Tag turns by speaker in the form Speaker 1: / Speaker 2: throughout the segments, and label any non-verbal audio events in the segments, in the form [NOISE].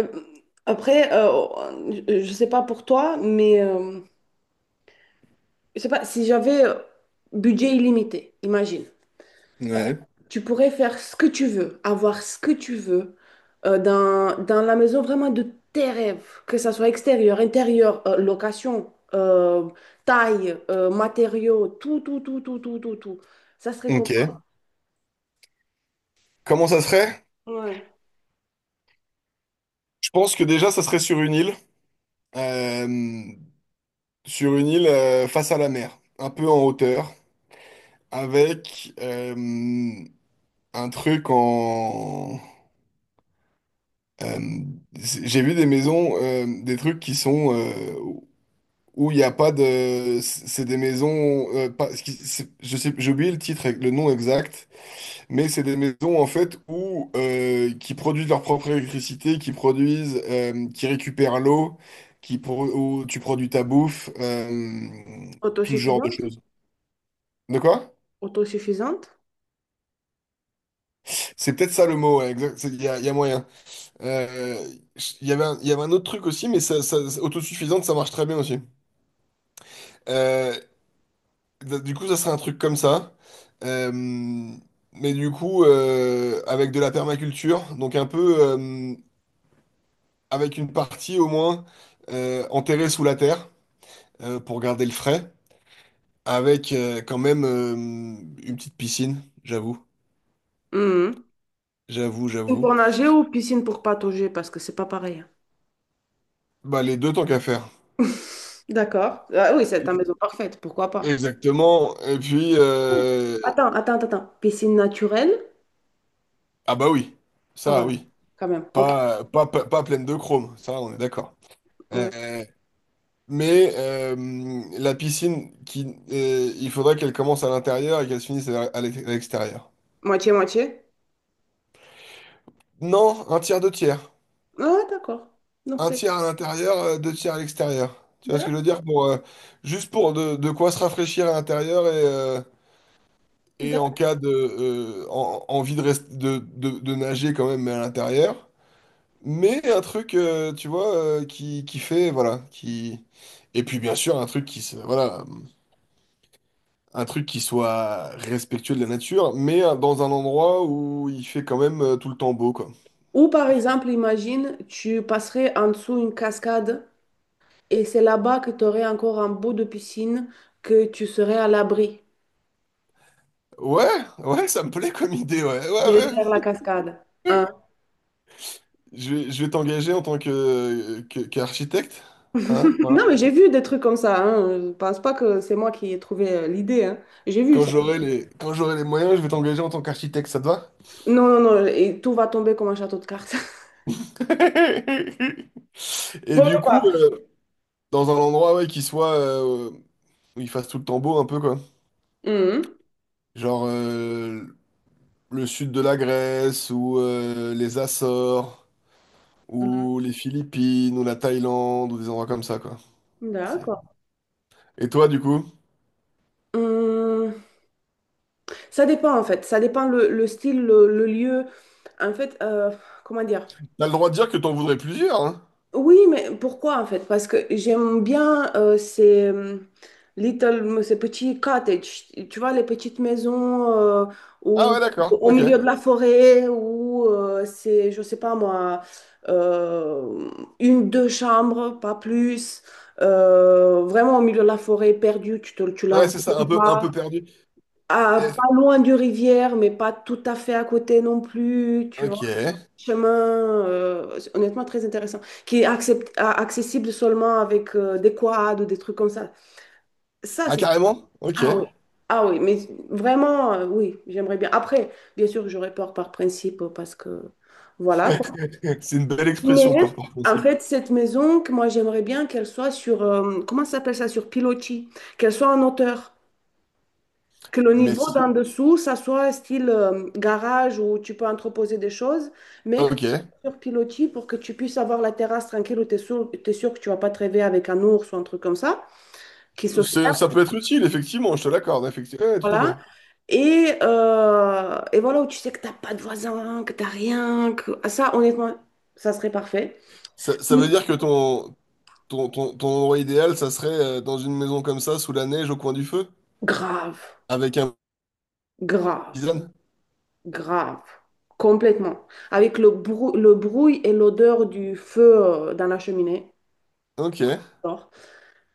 Speaker 1: Euh, je sais pas pour toi, mais je sais pas, si j'avais budget illimité, imagine,
Speaker 2: Ouais,
Speaker 1: tu pourrais faire ce que tu veux, avoir ce que tu veux dans la maison vraiment de tes rêves, que ça soit extérieur, intérieur, location, taille, matériaux, tout, tout, tout, tout, tout, tout, tout. Ça serait comment?
Speaker 2: ok. Comment ça serait?
Speaker 1: Ouais.
Speaker 2: Je pense que déjà, ça serait euh, sur une île face à la mer, un peu en hauteur, avec un truc en... euh, j'ai vu des maisons, des trucs qui sont où il n'y a pas de... C'est des maisons... pas, je sais, j'ai oublié le titre, le nom exact. Mais c'est des maisons en fait où qui produisent leur propre électricité, qui produisent, qui récupèrent l'eau, où tu produis ta bouffe, tout ce genre de
Speaker 1: Autosuffisante?
Speaker 2: choses. De quoi?
Speaker 1: Autosuffisante?
Speaker 2: C'est peut-être ça le mot, ouais, exact, il y a moyen. Euh, il y avait un autre truc aussi, mais ça, autosuffisante, ça marche très bien aussi. Euh, du coup, ça serait un truc comme ça. Euh, mais du coup, avec de la permaculture, donc un peu. Avec une partie au moins enterrée sous la terre pour garder le frais, avec quand même une petite piscine, j'avoue,
Speaker 1: Mhm.
Speaker 2: j'avoue,
Speaker 1: Piscine
Speaker 2: j'avoue.
Speaker 1: pour nager ou piscine pour patauger, parce que c'est pas pareil.
Speaker 2: Bah les deux tant qu'à faire.
Speaker 1: [LAUGHS] D'accord. Ah oui, c'est ta maison parfaite, pourquoi pas.
Speaker 2: Exactement. Et puis
Speaker 1: Oh, attends, attends, attends. Piscine naturelle?
Speaker 2: ah bah oui,
Speaker 1: Ah
Speaker 2: ça
Speaker 1: voilà,
Speaker 2: oui,
Speaker 1: quand même. Ok.
Speaker 2: pas pleine de chrome, ça on est d'accord.
Speaker 1: Ouais.
Speaker 2: Euh, mais la piscine qui il faudrait qu'elle commence à l'intérieur et qu'elle se finisse à l'extérieur.
Speaker 1: Moitié, moitié.
Speaker 2: Non, un tiers, deux tiers.
Speaker 1: Ah d'accord. Donc
Speaker 2: Un
Speaker 1: c'est...
Speaker 2: tiers à l'intérieur, deux tiers à l'extérieur. Tu vois ce que
Speaker 1: Da-
Speaker 2: je veux dire? Pour, juste pour de quoi se rafraîchir à l'intérieur et en
Speaker 1: da-
Speaker 2: cas de envie de, de nager quand même mais à l'intérieur. Mais un truc, tu vois, qui fait, voilà, qui... Et puis bien sûr, un truc qui se, voilà, un truc qui soit respectueux de la nature, mais dans un endroit où il fait quand même tout le temps beau, quoi.
Speaker 1: Ou par exemple, imagine, tu passerais en dessous une cascade et c'est là-bas que tu aurais encore un bout de piscine que tu serais à l'abri
Speaker 2: Ouais, ouais, ça me plaît comme idée, ouais,
Speaker 1: derrière la
Speaker 2: ouais,
Speaker 1: cascade.
Speaker 2: ouais.
Speaker 1: Hein. [LAUGHS]
Speaker 2: Je vais t'engager en tant qu'architecte, hein? Voilà.
Speaker 1: Non, mais j'ai vu des trucs comme ça. Hein. Je pense pas que c'est moi qui ai trouvé l'idée. Hein. J'ai vu
Speaker 2: Quand
Speaker 1: ça.
Speaker 2: j'aurai les, quand j'aurai les moyens, je vais t'engager en tant qu'architecte, ça te va?
Speaker 1: Non, non, non. Et tout va tomber comme un château de cartes.
Speaker 2: [LAUGHS] Et
Speaker 1: Bon,
Speaker 2: du coup,
Speaker 1: pas.
Speaker 2: dans un endroit ouais, qui soit où il fasse tout le temps beau un peu quoi.
Speaker 1: Mhm.
Speaker 2: Genre le sud de la Grèce ou les Açores
Speaker 1: Mhm.
Speaker 2: ou les Philippines ou la Thaïlande ou des endroits comme ça quoi. C'est-
Speaker 1: D'accord.
Speaker 2: Et toi du coup,
Speaker 1: Hum, ça dépend en fait, ça dépend le style, le lieu. En fait, euh, Comment dire?
Speaker 2: t'as le droit de dire que t'en voudrais plusieurs, hein?
Speaker 1: Oui, mais pourquoi en fait? Parce que j'aime bien ces little, ces petits cottages, tu vois, les petites maisons
Speaker 2: Ah
Speaker 1: où-
Speaker 2: ouais d'accord,
Speaker 1: au
Speaker 2: ok.
Speaker 1: milieu de la forêt où c'est, je sais pas moi, euh, une, deux chambres, pas plus, vraiment au milieu de la forêt, perdue, tu la
Speaker 2: Ouais
Speaker 1: vois
Speaker 2: c'est ça,
Speaker 1: même
Speaker 2: un peu
Speaker 1: pas.
Speaker 2: perdu.
Speaker 1: Ah,
Speaker 2: Eh,
Speaker 1: pas loin du rivière, mais pas tout à fait à côté non plus, tu
Speaker 2: ok.
Speaker 1: vois chemin, honnêtement très intéressant, qui est accessible seulement avec des quads ou des trucs comme ça. Ça,
Speaker 2: Ah,
Speaker 1: c'est...
Speaker 2: carrément? Ok.
Speaker 1: Ah oui.
Speaker 2: [LAUGHS]
Speaker 1: Ah oui, mais vraiment, oui, j'aimerais bien. Après, bien sûr, j'aurais peur par principe parce que, voilà. Quoi.
Speaker 2: C'est une belle
Speaker 1: Mais
Speaker 2: expression, peur par
Speaker 1: en
Speaker 2: principe.
Speaker 1: fait, cette maison, que moi, j'aimerais bien qu'elle soit sur, comment ça s'appelle ça, sur pilotis, qu'elle soit en hauteur. Que le
Speaker 2: Mais
Speaker 1: niveau
Speaker 2: si...
Speaker 1: d'en dessous, ça soit style garage où tu peux entreposer des choses,
Speaker 2: ah,
Speaker 1: mais que ça
Speaker 2: ok.
Speaker 1: soit sur pilotis pour que tu puisses avoir la terrasse tranquille où tu es sûr, t'es sûr que tu vas pas te réveiller avec un ours ou un truc comme ça, qui se ferme,
Speaker 2: Ça peut être utile, effectivement, je te l'accorde, effectivement. Ouais, tout à fait.
Speaker 1: voilà. Et voilà, où tu sais que t'as pas de voisin, que t'as rien, que... Ah, ça, honnêtement, ça serait parfait.
Speaker 2: Ça
Speaker 1: Mm.
Speaker 2: veut dire que ton endroit idéal, ça serait dans une maison comme ça, sous la neige, au coin du feu,
Speaker 1: Grave,
Speaker 2: avec un
Speaker 1: grave,
Speaker 2: tisane.
Speaker 1: grave. Complètement. Avec le le bruit et l'odeur du feu dans la cheminée.
Speaker 2: Ok,
Speaker 1: J'adore.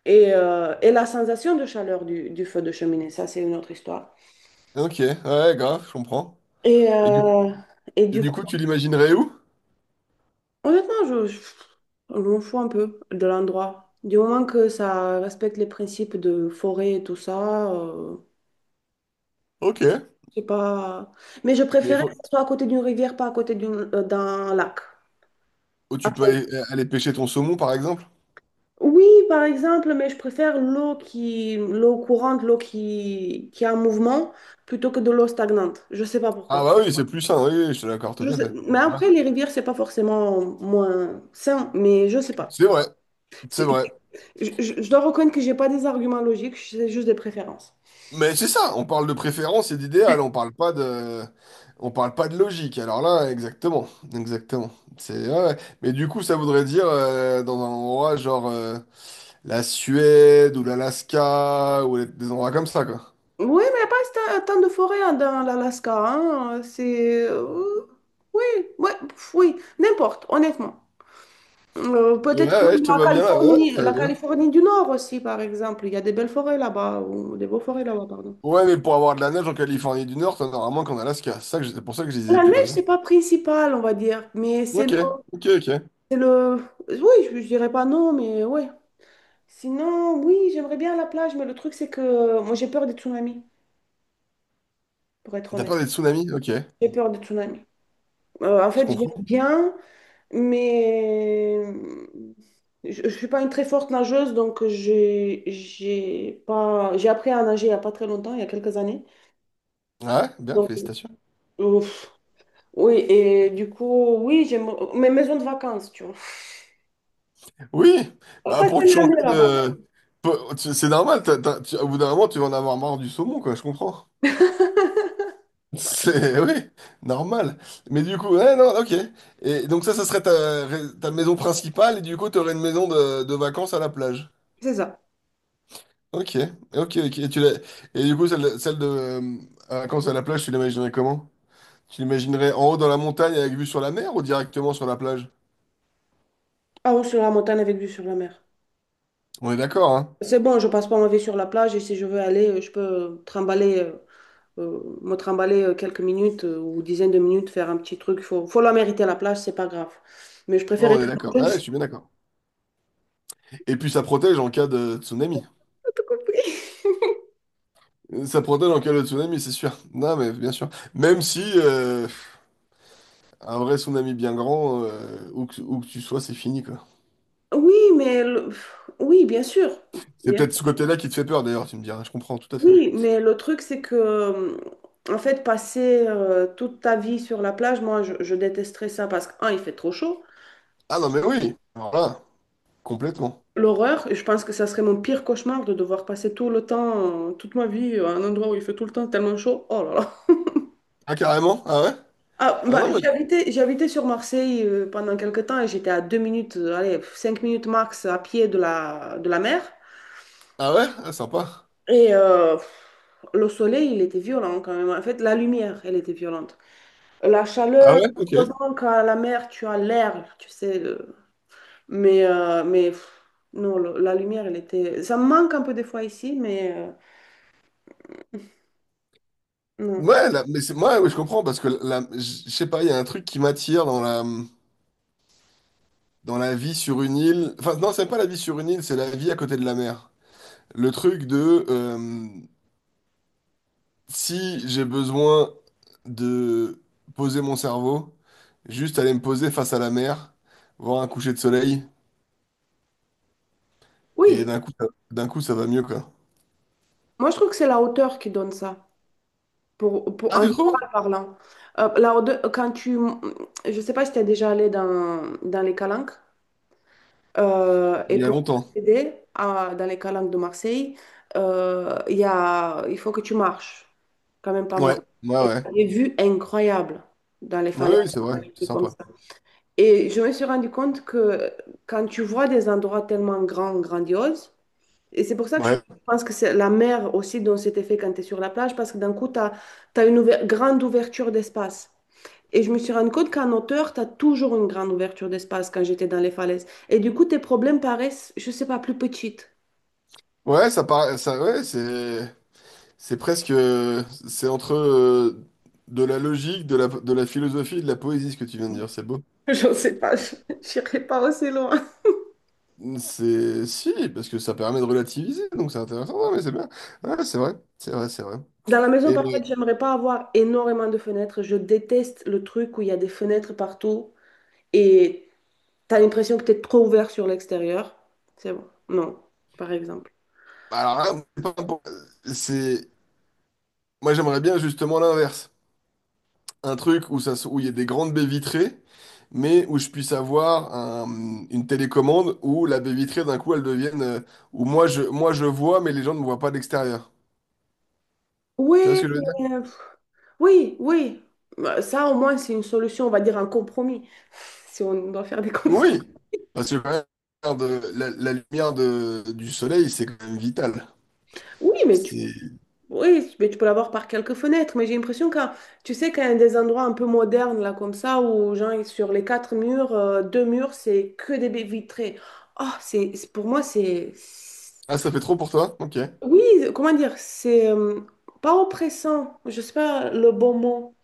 Speaker 1: Et la sensation de chaleur du feu de cheminée, ça c'est une autre histoire.
Speaker 2: ok, ouais, grave, je comprends.
Speaker 1: Et,
Speaker 2: Et du coup,
Speaker 1: euh, et
Speaker 2: et
Speaker 1: du
Speaker 2: du
Speaker 1: coup,
Speaker 2: coup, tu l'imaginerais où?
Speaker 1: honnêtement, je m'en fous un peu de l'endroit. Du moment que ça respecte les principes de forêt et tout ça,
Speaker 2: Ok.
Speaker 1: c'est pas... Mais je
Speaker 2: Mais il
Speaker 1: préférais que
Speaker 2: faut...
Speaker 1: ce soit à côté d'une rivière, pas à côté d'une, d'un lac.
Speaker 2: où tu peux
Speaker 1: Après,
Speaker 2: aller pêcher ton saumon, par exemple?
Speaker 1: oui, par exemple, mais je préfère l'eau qui, l'eau courante, l'eau qui est en mouvement, plutôt que de l'eau stagnante. Je sais pas
Speaker 2: Ah
Speaker 1: pourquoi.
Speaker 2: bah oui, c'est plus sain, oui, oui, je te l'accorde, tout à fait.
Speaker 1: Mais
Speaker 2: Ouais.
Speaker 1: après, les rivières, c'est pas forcément moins sain, mais je sais pas.
Speaker 2: C'est vrai, c'est
Speaker 1: C'est-
Speaker 2: vrai.
Speaker 1: Je dois reconnaître que j'ai pas des arguments logiques, c'est juste des préférences.
Speaker 2: Mais c'est ça, on parle de préférence et d'idéal, on parle pas de logique. Alors là, exactement, exactement. C'est ouais, ouais. Mais du coup, ça voudrait dire dans un endroit genre la Suède ou l'Alaska ou des endroits comme ça, quoi.
Speaker 1: Oui, mais il n'y a pas tant tant de forêts hein, dans l'Alaska. Hein, c'est. Oui, ouais, pff, oui, n'importe, honnêtement.
Speaker 2: Et
Speaker 1: Peut-être que
Speaker 2: ouais, ouais, je te vois bien là, ouais, très
Speaker 1: La
Speaker 2: bien.
Speaker 1: Californie du Nord aussi, par exemple. Il y a des belles forêts là-bas, ou des beaux forêts là-bas, pardon.
Speaker 2: Ouais, mais pour avoir de la neige en Californie du Nord, t'en auras moins qu'en Alaska. C'est ça que c'est pour ça que je disais
Speaker 1: La
Speaker 2: plutôt
Speaker 1: neige,
Speaker 2: ça.
Speaker 1: c'est pas principal, on va dire,
Speaker 2: Ok, ok, ok.
Speaker 1: c'est le, oui, je dirais pas non, mais oui, sinon, oui, j'aimerais bien la plage, mais le truc, c'est que moi, j'ai peur des tsunamis, pour être
Speaker 2: T'as peur
Speaker 1: honnête.
Speaker 2: des tsunamis? Ok,
Speaker 1: J'ai peur des tsunamis. En
Speaker 2: je
Speaker 1: fait, j'aime
Speaker 2: comprends.
Speaker 1: bien, mais je ne suis pas une très forte nageuse, donc j'ai pas... j'ai appris à nager il n'y a pas très longtemps, il y a quelques années.
Speaker 2: Ouais, bien,
Speaker 1: Donc,
Speaker 2: félicitations.
Speaker 1: ouf. Oui, et du coup, oui, j'aime mes maisons de vacances, tu vois.
Speaker 2: Oui,
Speaker 1: On va
Speaker 2: bah pour te
Speaker 1: passer
Speaker 2: changer
Speaker 1: l'année là-bas.
Speaker 2: de... c'est normal, au bout d'un moment, tu vas en avoir marre du saumon, quoi, je comprends.
Speaker 1: [LAUGHS]
Speaker 2: [LAUGHS] C'est... Oui, normal. Mais du coup, ouais, non, ok. Et donc ça serait ta maison principale, et du coup, tu aurais une maison de vacances à la plage.
Speaker 1: C'est ça.
Speaker 2: Ok, ok, ok. Et, et du coup, celle de à vacances à la plage, tu l'imaginerais comment? Tu l'imaginerais en haut dans la montagne avec vue sur la mer ou directement sur la plage?
Speaker 1: Ah, ou sur la montagne avec vue sur la mer.
Speaker 2: On est d'accord, hein?
Speaker 1: C'est bon, je passe pas ma vie sur la plage et si je veux aller, je peux me trimballer quelques minutes ou dizaines de minutes, faire un petit truc. Faut, faut la mériter, la plage, c'est pas grave. Mais je
Speaker 2: Ouais,
Speaker 1: préfère
Speaker 2: on
Speaker 1: être
Speaker 2: est
Speaker 1: en
Speaker 2: d'accord. Ouais, je
Speaker 1: douce.
Speaker 2: suis bien d'accord. Et puis ça protège en cas de tsunami.
Speaker 1: [LAUGHS] T'as compris?
Speaker 2: Ça protège en cas de tsunami, c'est sûr. Non, mais bien sûr. Même si un vrai tsunami bien grand, où que tu sois, c'est fini, quoi.
Speaker 1: Oui, mais le- oui, bien sûr.
Speaker 2: C'est
Speaker 1: Bien
Speaker 2: peut-être ce
Speaker 1: sûr.
Speaker 2: côté-là qui te fait peur, d'ailleurs, tu me diras. Je comprends, tout à fait.
Speaker 1: Oui, mais le truc, c'est que, en fait, passer toute ta vie sur la plage, moi, je détesterais ça parce que, un, il fait trop chaud.
Speaker 2: Ah non, mais oui! Alors là, complètement.
Speaker 1: L'horreur, je pense que ça serait mon pire cauchemar de devoir passer tout le temps, toute ma vie à un endroit où il fait tout le temps tellement chaud. Oh là là.
Speaker 2: Ah, carrément? Ah ouais?
Speaker 1: Ah,
Speaker 2: Ah
Speaker 1: bah,
Speaker 2: non, mais...
Speaker 1: j'ai habité sur Marseille pendant quelques temps et j'étais à deux minutes, allez, cinq minutes max à pied de la mer.
Speaker 2: Ah ouais? Ah, sympa.
Speaker 1: Et le soleil, il était violent quand même. En fait, la lumière, elle était violente. La
Speaker 2: Ah
Speaker 1: chaleur,
Speaker 2: ouais? Ok.
Speaker 1: heureusement qu'à la mer, tu as l'air, tu sais. Mais, non, la lumière, elle était... Ça me manque un peu des fois ici, mais non.
Speaker 2: Ouais, là, mais c'est... Moi, oui, je comprends, parce que là, je sais pas, il y a un truc qui m'attire dans la vie sur une île. Enfin, non, c'est pas la vie sur une île, c'est la vie à côté de la mer. Le truc de... si j'ai besoin de poser mon cerveau, juste aller me poser face à la mer, voir un coucher de soleil, et
Speaker 1: Oui,
Speaker 2: d'un coup, d'un coup, ça va mieux, quoi.
Speaker 1: moi je trouve que c'est la hauteur qui donne ça. Pour,
Speaker 2: Ah,
Speaker 1: en
Speaker 2: tu trouves?
Speaker 1: général parlant. Là, quand tu... Je sais pas si tu es déjà allé dans, dans les calanques.
Speaker 2: Il
Speaker 1: Et
Speaker 2: y a
Speaker 1: pour
Speaker 2: longtemps.
Speaker 1: accéder à, dans les calanques de Marseille, il y a, il faut que tu marches quand même pas mal.
Speaker 2: Ouais, ouais,
Speaker 1: Et
Speaker 2: ouais.
Speaker 1: t'as des vues incroyables dans les
Speaker 2: Ouais,
Speaker 1: falaises,
Speaker 2: oui, c'est vrai,
Speaker 1: des
Speaker 2: c'est
Speaker 1: trucs comme
Speaker 2: sympa.
Speaker 1: ça. Et je me suis rendu compte que quand tu vois des endroits tellement grands, grandioses, et c'est pour ça que je
Speaker 2: Ouais,
Speaker 1: pense que c'est la mer aussi donne cet effet quand tu es sur la plage, parce que d'un coup, tu as, une grande ouverture d'espace. Et je me suis rendu compte qu'en hauteur, tu as toujours une grande ouverture d'espace quand j'étais dans les falaises. Et du coup, tes problèmes paraissent, je sais pas, plus petites.
Speaker 2: ouais, ça paraît, ça, ouais, c'est presque, c'est entre de la logique, de la philosophie et de la poésie, ce que tu viens de dire, c'est beau.
Speaker 1: [LAUGHS] J'en sais pas, je n'irai pas aussi loin.
Speaker 2: C'est, si, parce que ça permet de relativiser, donc c'est intéressant, ouais, mais c'est bien. Ouais, c'est vrai, c'est vrai, c'est vrai.
Speaker 1: Dans la maison, par contre, j'aimerais pas avoir énormément de fenêtres. Je déteste le truc où il y a des fenêtres partout et tu as l'impression que tu es trop ouvert sur l'extérieur. C'est bon. Non, par exemple.
Speaker 2: Bah alors là, c'est pas pour- c'est- moi j'aimerais bien justement l'inverse. Un truc où où il y a des grandes baies vitrées, mais où je puisse avoir une télécommande où la baie vitrée d'un coup elle devienne, où moi je vois mais les gens ne me voient pas de l'extérieur.
Speaker 1: Oui,
Speaker 2: Tu vois ce que je veux
Speaker 1: mais,
Speaker 2: dire?
Speaker 1: euh, pff, oui, oui. Bah, ça, au moins, c'est une solution, on va dire un compromis, [LAUGHS] [SIGHS] si on doit faire des compromis.
Speaker 2: Oui, parce que quand même, la lumière du soleil c'est quand même vital.
Speaker 1: Oui, mais tu,
Speaker 2: C'est-
Speaker 1: oui, mais tu peux l'avoir par quelques fenêtres, mais j'ai l'impression que, tu sais, qu'il y a des endroits un peu modernes, là, comme ça, où, genre, sur les quatre murs, deux murs, c'est que des baies vitrées. Pour moi, c'est-
Speaker 2: Ah ça fait trop pour toi? Ok.
Speaker 1: Oui, comment dire, c'est pas oppressant, je sais pas le bon mot.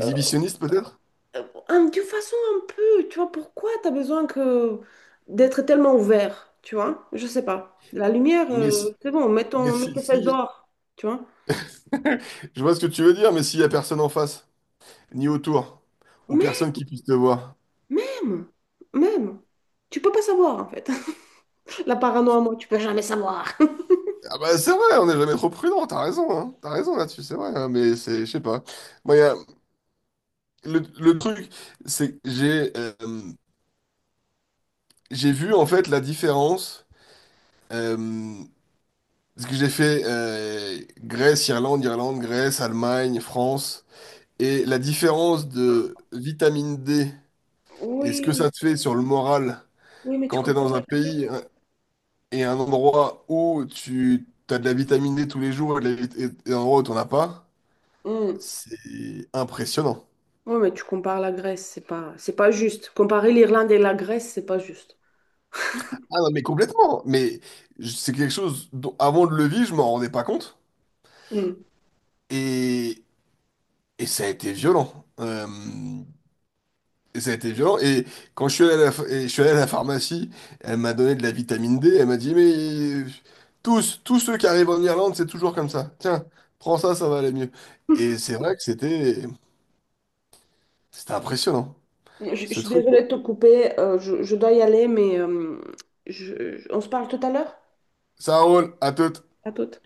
Speaker 1: euh,
Speaker 2: peut-être?
Speaker 1: Euh, D'une façon un peu, tu vois, pourquoi tu as besoin que d'être tellement ouvert, tu vois? Je sais pas. La lumière,
Speaker 2: Mais, si-
Speaker 1: c'est bon, mets
Speaker 2: mais
Speaker 1: ton, mets
Speaker 2: si,
Speaker 1: tes fesses
Speaker 2: si,
Speaker 1: dehors, tu vois?
Speaker 2: [LAUGHS] je vois ce que tu veux dire, mais s'il y a personne en face. Ni autour, ou
Speaker 1: Mais
Speaker 2: personne qui puisse te voir.
Speaker 1: même, même, tu peux pas savoir en fait. [LAUGHS] La paranoïa, moi, tu peux jamais savoir. [LAUGHS]
Speaker 2: Ah bah c'est vrai, on n'est jamais trop prudent, t'as raison, hein. T'as raison là-dessus, c'est vrai, hein, mais c'est, je sais pas. Moi, le truc, c'est que j'ai vu en fait la différence, euh, parce que j'ai fait Grèce, Irlande, Irlande, Grèce, Allemagne, France, et la différence de vitamine D et ce que
Speaker 1: Oui,
Speaker 2: ça te fait sur le moral
Speaker 1: oui, mais tu
Speaker 2: quand t'es
Speaker 1: compares.
Speaker 2: dans un pays et un endroit où tu as de la vitamine D tous les jours et, de la vit- et un endroit où tu n'en as pas,
Speaker 1: Hmm.
Speaker 2: c'est impressionnant.
Speaker 1: Oui, mais tu compares la Grèce, c'est pas juste. Comparer l'Irlande et la Grèce, c'est pas juste.
Speaker 2: Ah non, mais complètement. Mais c'est quelque chose dont, avant de le vivre, je m'en rendais pas compte.
Speaker 1: Hmm.
Speaker 2: Et, et ça a été violent. Et ça a été violent. Et quand je suis allé à la, ph- et je suis allé à la pharmacie, elle m'a donné de la vitamine D. Elle m'a dit, mais tous ceux qui arrivent en Irlande, c'est toujours comme ça. Tiens, prends ça, ça va aller mieux. Et c'est vrai que c'était impressionnant.
Speaker 1: Je
Speaker 2: Ce
Speaker 1: suis
Speaker 2: truc.
Speaker 1: désolée de te couper, euh, je dois y aller, mais on se parle tout à l'heure?
Speaker 2: Ça roule, à toutes.
Speaker 1: À toutes.